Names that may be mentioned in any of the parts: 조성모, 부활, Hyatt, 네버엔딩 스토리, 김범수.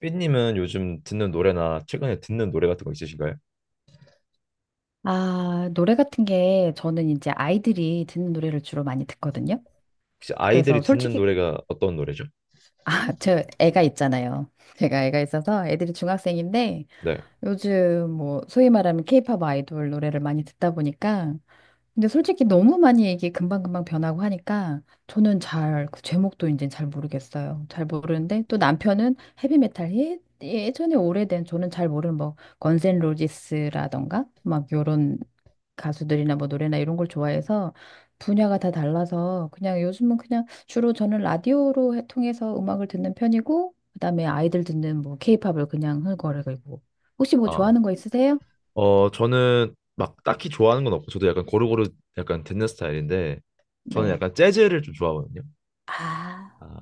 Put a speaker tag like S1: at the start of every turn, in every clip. S1: 삐님은 요즘 듣는 노래나 최근에 듣는 노래 같은 거 있으신가요?
S2: 아, 노래 같은 게 저는 이제 아이들이 듣는 노래를 주로 많이 듣거든요.
S1: 혹시 아이들이
S2: 그래서
S1: 듣는
S2: 솔직히,
S1: 노래가 어떤 노래죠?
S2: 아, 저 애가 있잖아요. 제가 애가 있어서 애들이 중학생인데
S1: 네.
S2: 요즘 뭐 소위 말하면 케이팝 아이돌 노래를 많이 듣다 보니까 근데 솔직히 너무 많이 이게 금방금방 변하고 하니까 저는 잘, 그 제목도 이제 잘 모르겠어요. 잘 모르는데 또 남편은 헤비메탈 예, 예전에 오래된 저는 잘 모르는 뭐 건센 로지스라던가 막 요런 가수들이나 뭐 노래나 이런 걸 좋아해서 분야가 다 달라서 그냥 요즘은 그냥 주로 저는 라디오로 통해서 음악을 듣는 편이고 그다음에 아이들 듣는 뭐 케이팝을 그냥 흥얼거리고 혹시 뭐
S1: 아,
S2: 좋아하는 거 있으세요?
S1: 저는 막 딱히 좋아하는 건 없고, 저도 약간 고루고루 약간 듣는 스타일인데, 저는
S2: 네.
S1: 약간 재즈를 좀 좋아하거든요.
S2: 아,
S1: 아,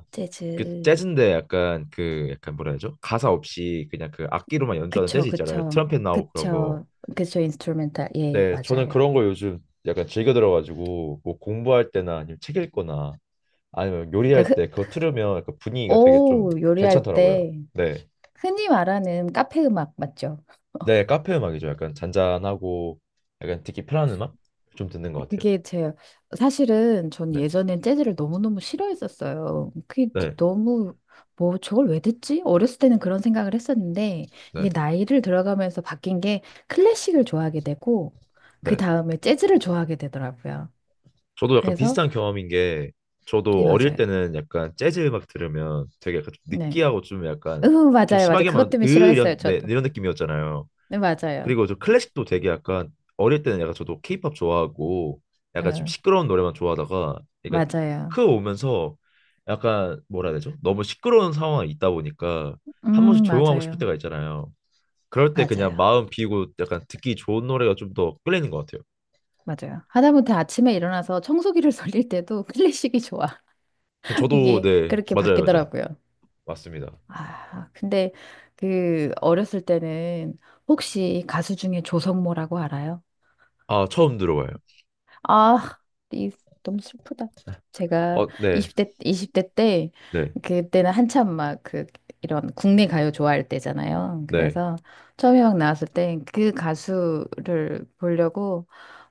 S1: 그
S2: 재즈.
S1: 재즈인데 약간 그 약간 뭐라 해야죠? 가사 없이 그냥 그 악기로만 연주하는
S2: 그쵸,
S1: 재즈 있잖아요.
S2: 그쵸,
S1: 트럼펫 나오고 그런 거.
S2: 그쵸, 그쵸, 인스트루멘탈. 예,
S1: 네, 저는 그런
S2: 맞아요.
S1: 거 요즘 약간 즐겨 들어가지고, 뭐 공부할 때나 아니면 책 읽거나 아니면 요리할
S2: 그러니까 흔,
S1: 때 그거 틀으면 그 분위기가 되게 좀
S2: 오, 요리할
S1: 괜찮더라고요.
S2: 때
S1: 네.
S2: 흔히 말하는 카페 음악 맞죠?
S1: 네, 카페 음악이죠. 약간 잔잔하고 약간 듣기 편한 음악 좀 듣는 것 같아요.
S2: 그게 제 사실은 전
S1: 네.
S2: 예전엔 재즈를 너무너무 싫어했었어요. 그게
S1: 네.
S2: 너무 뭐 저걸 왜 듣지? 어렸을 때는 그런 생각을 했었는데 이게
S1: 네.
S2: 나이를 들어가면서 바뀐 게 클래식을 좋아하게 되고 그
S1: 네.
S2: 다음에 재즈를 좋아하게 되더라고요.
S1: 저도 약간
S2: 그래서
S1: 비슷한 경험인 게
S2: 네,
S1: 저도 어릴
S2: 맞아요.
S1: 때는 약간 재즈 음악 들으면 되게 약간 좀
S2: 네.
S1: 느끼하고 좀
S2: 으,
S1: 약간 좀
S2: 맞아요, 맞아요.
S1: 심하게만
S2: 그것
S1: 으
S2: 때문에
S1: 이런
S2: 싫어했어요,
S1: 네,
S2: 저도.
S1: 이런 느낌이었잖아요.
S2: 네, 맞아요.
S1: 그리고 저 클래식도 되게 약간 어릴 때는 약간 저도 케이팝 좋아하고 약간 좀
S2: 예,
S1: 시끄러운 노래만 좋아하다가 그러니까
S2: 맞아요.
S1: 크 오면서 약간 뭐라 해야 되죠? 너무 시끄러운 상황이 있다 보니까 한 번씩 조용하고 싶을
S2: 맞아요.
S1: 때가 있잖아요. 그럴 때 그냥
S2: 맞아요.
S1: 마음 비우고 약간 듣기 좋은 노래가 좀 더 끌리는 것 같아요.
S2: 맞아요. 하다못해 아침에 일어나서 청소기를 돌릴 때도 클래식이 좋아.
S1: 저도
S2: 이게
S1: 네
S2: 그렇게
S1: 맞아요, 맞아요.
S2: 바뀌더라고요.
S1: 맞습니다.
S2: 아, 근데 그 어렸을 때는 혹시 가수 중에 조성모라고 알아요?
S1: 아 처음 들어봐요. 아,
S2: 아, 이, 너무 슬프다. 제가
S1: 어, 네,
S2: 20대, 이십 대 때,
S1: 네,
S2: 그때는 한참 막 그, 이런 국내 가요 좋아할 때잖아요.
S1: 네.
S2: 그래서 처음에 막 나왔을 때 그 가수를 보려고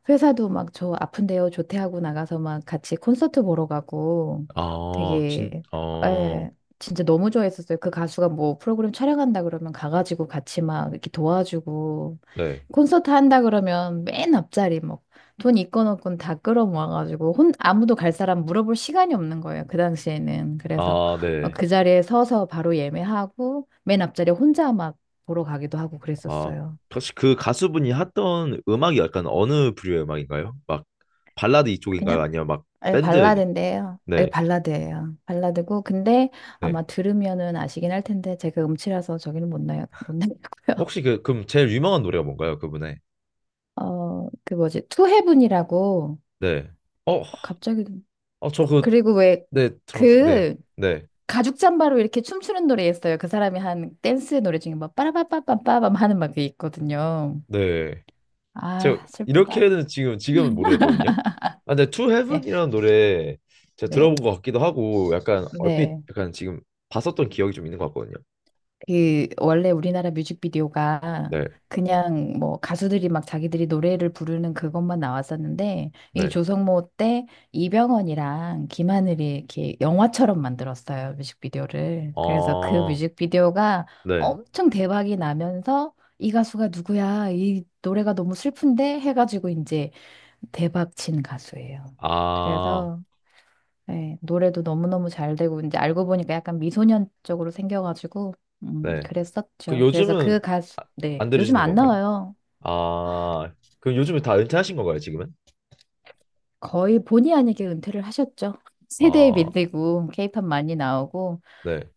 S2: 회사도 막 저 아픈데요, 조퇴하고 나가서 막 같이 콘서트 보러 가고
S1: 아,
S2: 되게,
S1: 어,
S2: 예, 진짜 너무 좋아했었어요. 그 가수가 뭐 프로그램 촬영한다 그러면 가가지고 같이 막 이렇게 도와주고
S1: 네.
S2: 콘서트 한다 그러면 맨 앞자리 뭐 돈 있건 없건 다 끌어모아가지고 혼 아무도 갈 사람 물어볼 시간이 없는 거예요. 그 당시에는. 그래서
S1: 아,
S2: 어,
S1: 네.
S2: 그 자리에 서서 바로 예매하고 맨 앞자리에 혼자 막 보러 가기도 하고
S1: 아,
S2: 그랬었어요.
S1: 혹시 그 가수분이 했던 음악이 약간 어느 부류의 음악인가요? 막 발라드
S2: 그냥
S1: 이쪽인가요? 아니면 막
S2: 아예
S1: 밴드?
S2: 발라드인데요.
S1: 네,
S2: 아예 발라드예요. 발라드고 근데
S1: 네.
S2: 아마 들으면은 아시긴 할 텐데 제가 음치라서 저기는 못 나요. 못 나고요.
S1: 혹시 그럼 제일 유명한 노래가 뭔가요? 그분의?
S2: 어, 그 뭐지? 투헤븐이라고
S1: 네. 어,
S2: 갑자기
S1: 어, 저 그,
S2: 그리고 왜
S1: 네, 네,
S2: 그
S1: 네,
S2: 가죽 잠바로 이렇게 춤추는 노래였어요. 그 사람이 한 댄스 노래 중에 막 빠라바빠빠빠밤 하는 막게 있거든요.
S1: 네. 제가
S2: 아, 슬프다.
S1: 이렇게는 지금은 모르겠거든요. 아, 근데 To
S2: 네,
S1: Heaven이라는 노래 제가 들어본
S2: 네,
S1: 것 같기도 하고 약간 얼핏
S2: 네.
S1: 약간 지금 봤었던 기억이 좀 있는 것 같거든요.
S2: 그 원래 우리나라 뮤직비디오가
S1: 네,
S2: 그냥 뭐 가수들이 막 자기들이 노래를 부르는 그것만 나왔었는데 이
S1: 네.
S2: 조성모 때 이병헌이랑 김하늘이 이렇게 영화처럼 만들었어요 뮤직비디오를. 그래서 그
S1: 어,
S2: 뮤직비디오가
S1: 네.
S2: 엄청 대박이 나면서 이 가수가 누구야? 이 노래가 너무 슬픈데 해가지고 이제 대박 친 가수예요.
S1: 아,
S2: 그래서 네, 노래도 너무너무 잘 되고, 이제 알고 보니까 약간 미소년 쪽으로 생겨가지고,
S1: 네. 그
S2: 그랬었죠. 그래서
S1: 요즘은
S2: 그 가수,
S1: 아-
S2: 네,
S1: 안
S2: 요즘
S1: 들으시는
S2: 안
S1: 건가요?
S2: 나와요.
S1: 아, 그럼 요즘에 다 은퇴하신 건가요, 지금은?
S2: 거의 본의 아니게 은퇴를 하셨죠. 세대에
S1: 아,
S2: 밀리고, 케이팝 많이 나오고,
S1: 네.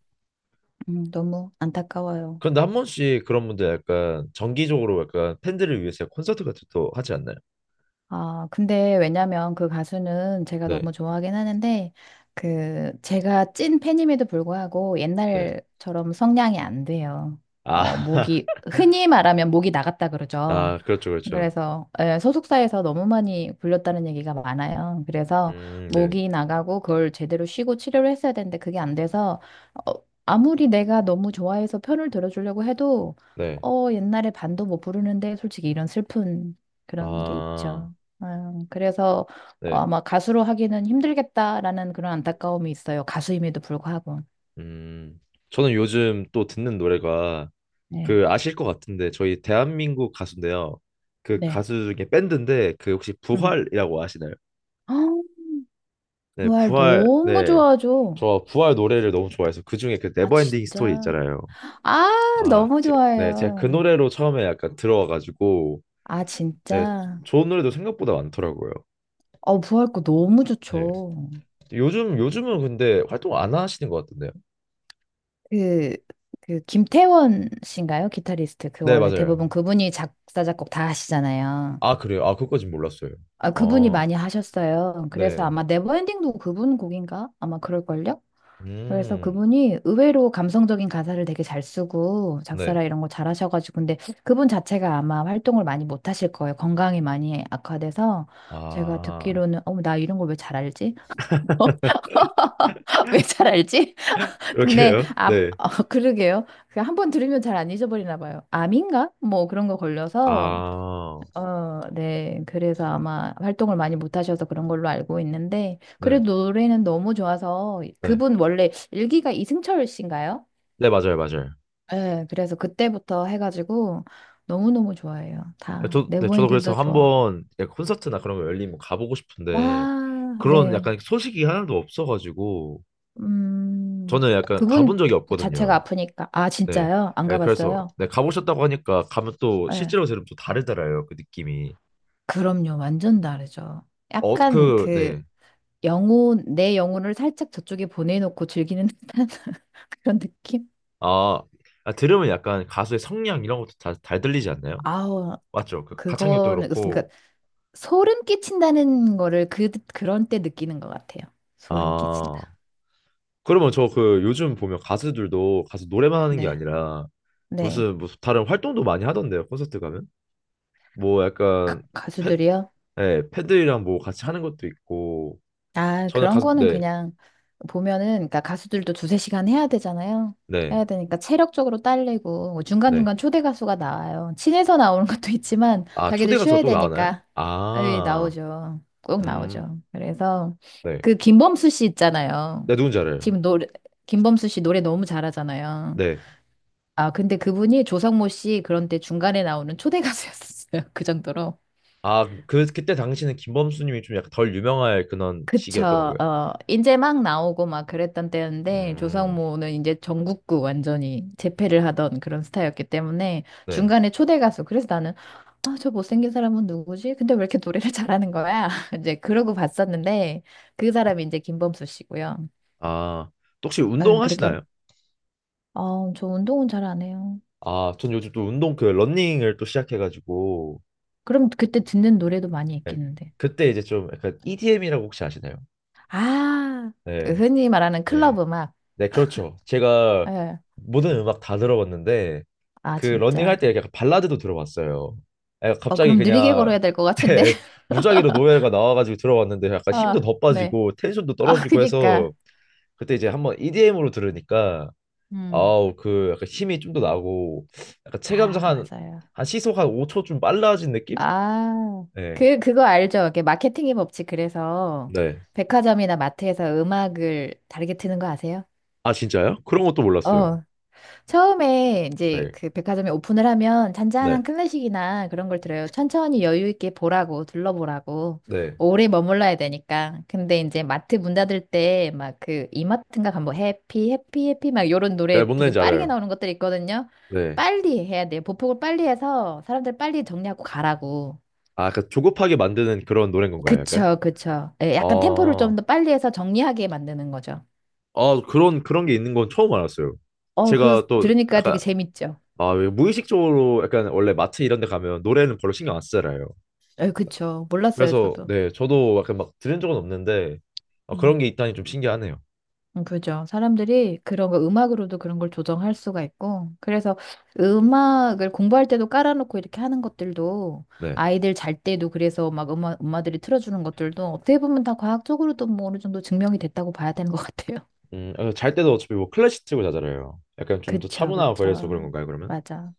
S2: 너무 안타까워요.
S1: 그런데 한 번씩 그런 분들 약간 정기적으로 약간 팬들을 위해서 콘서트 같은 것도 하지 않나요?
S2: 아, 근데 왜냐면 그 가수는 제가 너무
S1: 네,
S2: 좋아하긴 하는데, 그, 제가 찐 팬임에도 불구하고
S1: 네.
S2: 옛날처럼 성량이 안 돼요. 어,
S1: 아,
S2: 목이, 흔히 말하면 목이 나갔다 그러죠.
S1: 아, 그렇죠, 그렇죠.
S2: 그래서 예, 소속사에서 너무 많이 불렸다는 얘기가 많아요. 그래서
S1: 네,
S2: 목이 나가고 그걸 제대로 쉬고 치료를 했어야 되는데 그게 안 돼서 어, 아무리 내가 너무 좋아해서 편을 들어주려고 해도
S1: 네.
S2: 어, 옛날에 반도 못 부르는데 솔직히 이런 슬픈 그런 게
S1: 아,
S2: 있죠. 그래서 어,
S1: 네.
S2: 아마 가수로 하기는 힘들겠다라는 그런 안타까움이 있어요. 가수임에도 불구하고.
S1: 음, 저는 요즘 또 듣는 노래가
S2: 네.
S1: 그 아실 것 같은데 저희 대한민국 가수인데요. 그
S2: 네.
S1: 가수 중에 밴드인데 그 혹시
S2: 음.
S1: 부활이라고 아시나요?
S2: 어,
S1: 네,
S2: 부활
S1: 부활,
S2: 너무
S1: 네.
S2: 좋아하죠.
S1: 저 부활 노래를 너무 좋아해서 그중에 그
S2: 아,
S1: 네버엔딩 스토리
S2: 진짜.
S1: 있잖아요.
S2: 아,
S1: 아,
S2: 너무
S1: 네, 제가 그
S2: 좋아해요.
S1: 노래로 처음에 약간 들어와가지고
S2: 아,
S1: 네,
S2: 진짜.
S1: 좋은 노래도 생각보다 많더라고요.
S2: 어, 부활 거 너무
S1: 네.
S2: 좋죠.
S1: 요즘은 근데 활동 안 하시는 것 같은데요?
S2: 그, 그, 김태원 씨인가요? 기타리스트. 그
S1: 네,
S2: 원래
S1: 맞아요.
S2: 대부분 그분이 작사, 작곡 다 하시잖아요.
S1: 아, 그래요? 아, 그것까진 몰랐어요.
S2: 아, 그분이
S1: 아,
S2: 많이 하셨어요. 그래서
S1: 네.
S2: 아마 네버엔딩도 그분 곡인가? 아마 그럴걸요? 그래서
S1: 음,
S2: 그분이 의외로 감성적인 가사를 되게 잘 쓰고
S1: 네.
S2: 작사라 이런 거 잘하셔가지고 근데 그분 자체가 아마 활동을 많이 못 하실 거예요. 건강이 많이 악화돼서 제가
S1: 아,
S2: 듣기로는 어머 나 이런 걸 왜 잘 알지? 왜 잘 알지? 근데
S1: 이렇게요?
S2: 아
S1: 네.
S2: 어, 그러게요. 그 한 번 들으면 잘 안 잊어버리나 봐요. 암인가? 뭐 그런 거 걸려서
S1: 아,
S2: 어, 네. 그래서 아마 활동을 많이 못 하셔서 그런 걸로 알고 있는데
S1: 네,
S2: 그래도 노래는 너무 좋아서
S1: 네.
S2: 그분 원래 일기가 이승철 씨인가요?
S1: 네, 맞아요, 맞아요.
S2: 네, 그래서 그때부터 해가지고 너무너무 좋아해요.
S1: 아,
S2: 다
S1: 네, 저도 그래서
S2: 네버엔딩도 좋아하고.
S1: 한번 약간 콘서트나 그런 거 열리면 가보고 싶은데
S2: 와,
S1: 그런
S2: 네.
S1: 약간 소식이 하나도 없어가지고
S2: 음,
S1: 저는 약간
S2: 그분
S1: 가본 적이
S2: 자체가
S1: 없거든요.
S2: 아프니까. 아,
S1: 네,
S2: 진짜요? 안
S1: 네, 그래서
S2: 가봤어요?
S1: 네, 가보셨다고 하니까 가면 또
S2: 네.
S1: 실제로 들으면 또 다르더라고요. 그 느낌이.
S2: 그럼요. 완전 다르죠.
S1: 어,
S2: 약간
S1: 그,
S2: 그
S1: 네.
S2: 영혼, 내 영혼을 살짝 저쪽에 보내놓고 즐기는 듯한 그런 느낌?
S1: 아, 아, 들으면 약간 가수의 성량 이런 것도 다, 잘 들리지 않나요?
S2: 아우, 딱
S1: 맞죠? 그 가창력도
S2: 그거는, 그러니까
S1: 그렇고.
S2: 소름 끼친다는 거를 그, 그런 때 느끼는 것 같아요. 소름
S1: 아,
S2: 끼친다.
S1: 그러면 저 그 요즘 보면 가수들도 가수 노래만 하는 게
S2: 네.
S1: 아니라
S2: 네.
S1: 무슨 무슨 다른 활동도 많이 하던데요. 콘서트 가면? 뭐 약간
S2: 가-
S1: 패,
S2: 가수들이요?
S1: 네, 패들이랑 뭐 같이 하는 것도 있고
S2: 아,
S1: 저는
S2: 그런
S1: 가서
S2: 거는
S1: 네,
S2: 그냥 보면은, 그러니까 가수들도 두세 시간 해야 되잖아요.
S1: 네,
S2: 해야 되니까 체력적으로 딸리고, 뭐
S1: 네.
S2: 중간중간 초대 가수가 나와요. 친해서 나오는 것도 있지만,
S1: 아
S2: 자기들
S1: 초대 가서
S2: 쉬어야
S1: 또 나오나요?
S2: 되니까, 에
S1: 아,
S2: 나오죠. 꼭
S1: 음,
S2: 나오죠. 그래서,
S1: 네.
S2: 그 김범수 씨 있잖아요.
S1: 네 누군지 알아요.
S2: 지금 노래, 김범수 씨 노래 너무 잘하잖아요.
S1: 네.
S2: 아, 근데 그분이 조성모 씨 그런데 중간에 나오는 초대 가수였어요. 그 정도로.
S1: 아 그 그때 당시는 김범수님이 좀 약간 덜 유명할 그런
S2: 그쵸.
S1: 시기였던 건가요?
S2: 어, 이제 막 나오고 막 그랬던 때였는데,
S1: 음,
S2: 조성모는 이제 전국구 완전히 재패를 하던 그런 스타였기 때문에,
S1: 네.
S2: 중간에 초대 가수. 그래서 나는, 아, 저 못생긴 사람은 누구지? 근데 왜 이렇게 노래를 잘하는 거야? 이제 그러고 봤었는데, 그
S1: 네.
S2: 사람이 이제 김범수 씨고요.
S1: 아 또 혹시
S2: 에, 그렇게,
S1: 운동하시나요?
S2: 어, 저 운동은 잘 안 해요.
S1: 아 전 요즘 또 운동 그 러닝을 또 시작해가지고
S2: 그럼 그때 듣는 노래도 많이
S1: 네.
S2: 있겠는데.
S1: 그때 이제 좀 약간 EDM이라고 혹시 아시나요?
S2: 아, 그
S1: 네,
S2: 흔히 말하는
S1: 네.
S2: 클럽 음악.
S1: 네, 그렇죠. 제가
S2: 예.
S1: 모든 음악 다 들어봤는데
S2: 아,
S1: 그
S2: 진짜.
S1: 러닝할 때 약간 발라드도 들어봤어요. 아,
S2: 어,
S1: 갑자기
S2: 그럼 느리게
S1: 그냥
S2: 걸어야 될 것 같은데.
S1: 무작위로 노래가 나와가지고 들어봤는데 약간 힘도
S2: 아,
S1: 더
S2: 네.
S1: 빠지고 텐션도
S2: 아,
S1: 떨어지고 해서
S2: 그니까.
S1: 그때 이제 한번 EDM으로 들으니까
S2: 음.
S1: 아우 그 약간 힘이 좀 더 나고 약간 체감상
S2: 아,
S1: 한,
S2: 맞아요.
S1: 한 시속 한 5초 좀 빨라진 느낌?
S2: 아,
S1: 네.
S2: 그거 알죠? 이게 마케팅의 법칙. 그래서
S1: 네.
S2: 백화점이나 마트에서 음악을 다르게 트는 거 아세요?
S1: 아 진짜요? 그런 것도 몰랐어요.
S2: 어, 처음에 이제
S1: 네.
S2: 그 백화점에 오픈을 하면
S1: 네.
S2: 잔잔한 클래식이나 그런 걸 들어요. 천천히 여유 있게 보라고, 둘러보라고.
S1: 네.
S2: 오래 머물러야 되니까. 근데 이제 마트 문 닫을 때 막 그 이마트인가 가면 뭐 해피, 해피, 해피 막 요런
S1: 네,
S2: 노래
S1: 뭔
S2: 되게
S1: 말인지
S2: 빠르게
S1: 알아요.
S2: 나오는 것들이 있거든요.
S1: 네.
S2: 빨리 해야 돼요. 보폭을 빨리 해서 사람들 빨리 정리하고 가라고.
S1: 아, 그 조급하게 만드는 그런 노래인 건가요, 약간?
S2: 그쵸, 그쵸. 예, 약간 템포를 좀
S1: 아,
S2: 더 빨리 해서 정리하게 만드는 거죠.
S1: 아 그런 게 있는 건 처음 알았어요.
S2: 어, 그거
S1: 제가 또
S2: 들으니까 되게
S1: 약간
S2: 재밌죠.
S1: 아, 왜 무의식적으로 약간 원래 마트 이런 데 가면 노래는 별로 신경 안 쓰잖아요.
S2: 예, 그쵸. 몰랐어요,
S1: 그래서
S2: 저도.
S1: 네, 저도 약간 막 들은 적은 없는데 아, 그런 게 있다니 좀 신기하네요.
S2: 그죠. 사람들이 그런 거 음악으로도 그런 걸 조정할 수가 있고, 그래서 음악을 공부할 때도 깔아놓고 이렇게 하는 것들도
S1: 네.
S2: 아이들 잘 때도 그래서 막 엄마들이 틀어주는 것들도 어떻게 보면 다 과학적으로도 뭐 어느 정도 증명이 됐다고 봐야 되는 것 같아요.
S1: 아, 잘 때도 어차피 뭐 클래식 틀고 자잖아요. 약간 좀 더
S2: 그쵸,
S1: 차분하고 그래서 그런
S2: 그쵸.
S1: 건가요, 그러면?
S2: 맞아.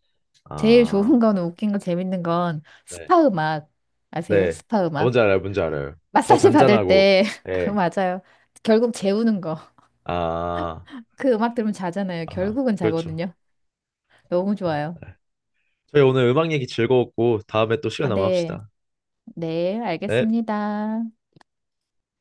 S2: 제일
S1: 아,
S2: 좋은 건 웃긴 건 재밌는 건
S1: 네.
S2: 스파 음악 아세요?
S1: 네.
S2: 스파
S1: 아,
S2: 음악.
S1: 뭔지 알아요, 뭔지 알아요. 더
S2: 마사지 받을
S1: 잔잔하고,
S2: 때
S1: 예.
S2: 맞아요. 결국 재우는 거.
S1: 아,
S2: 그 음악 들으면 자잖아요.
S1: 아,
S2: 결국은
S1: 그렇죠.
S2: 자거든요. 너무 좋아요.
S1: 네. 저희 오늘 음악 얘기 즐거웠고 다음에 또 시간
S2: 아,
S1: 남아
S2: 네.
S1: 합시다.
S2: 네,
S1: 네.
S2: 알겠습니다.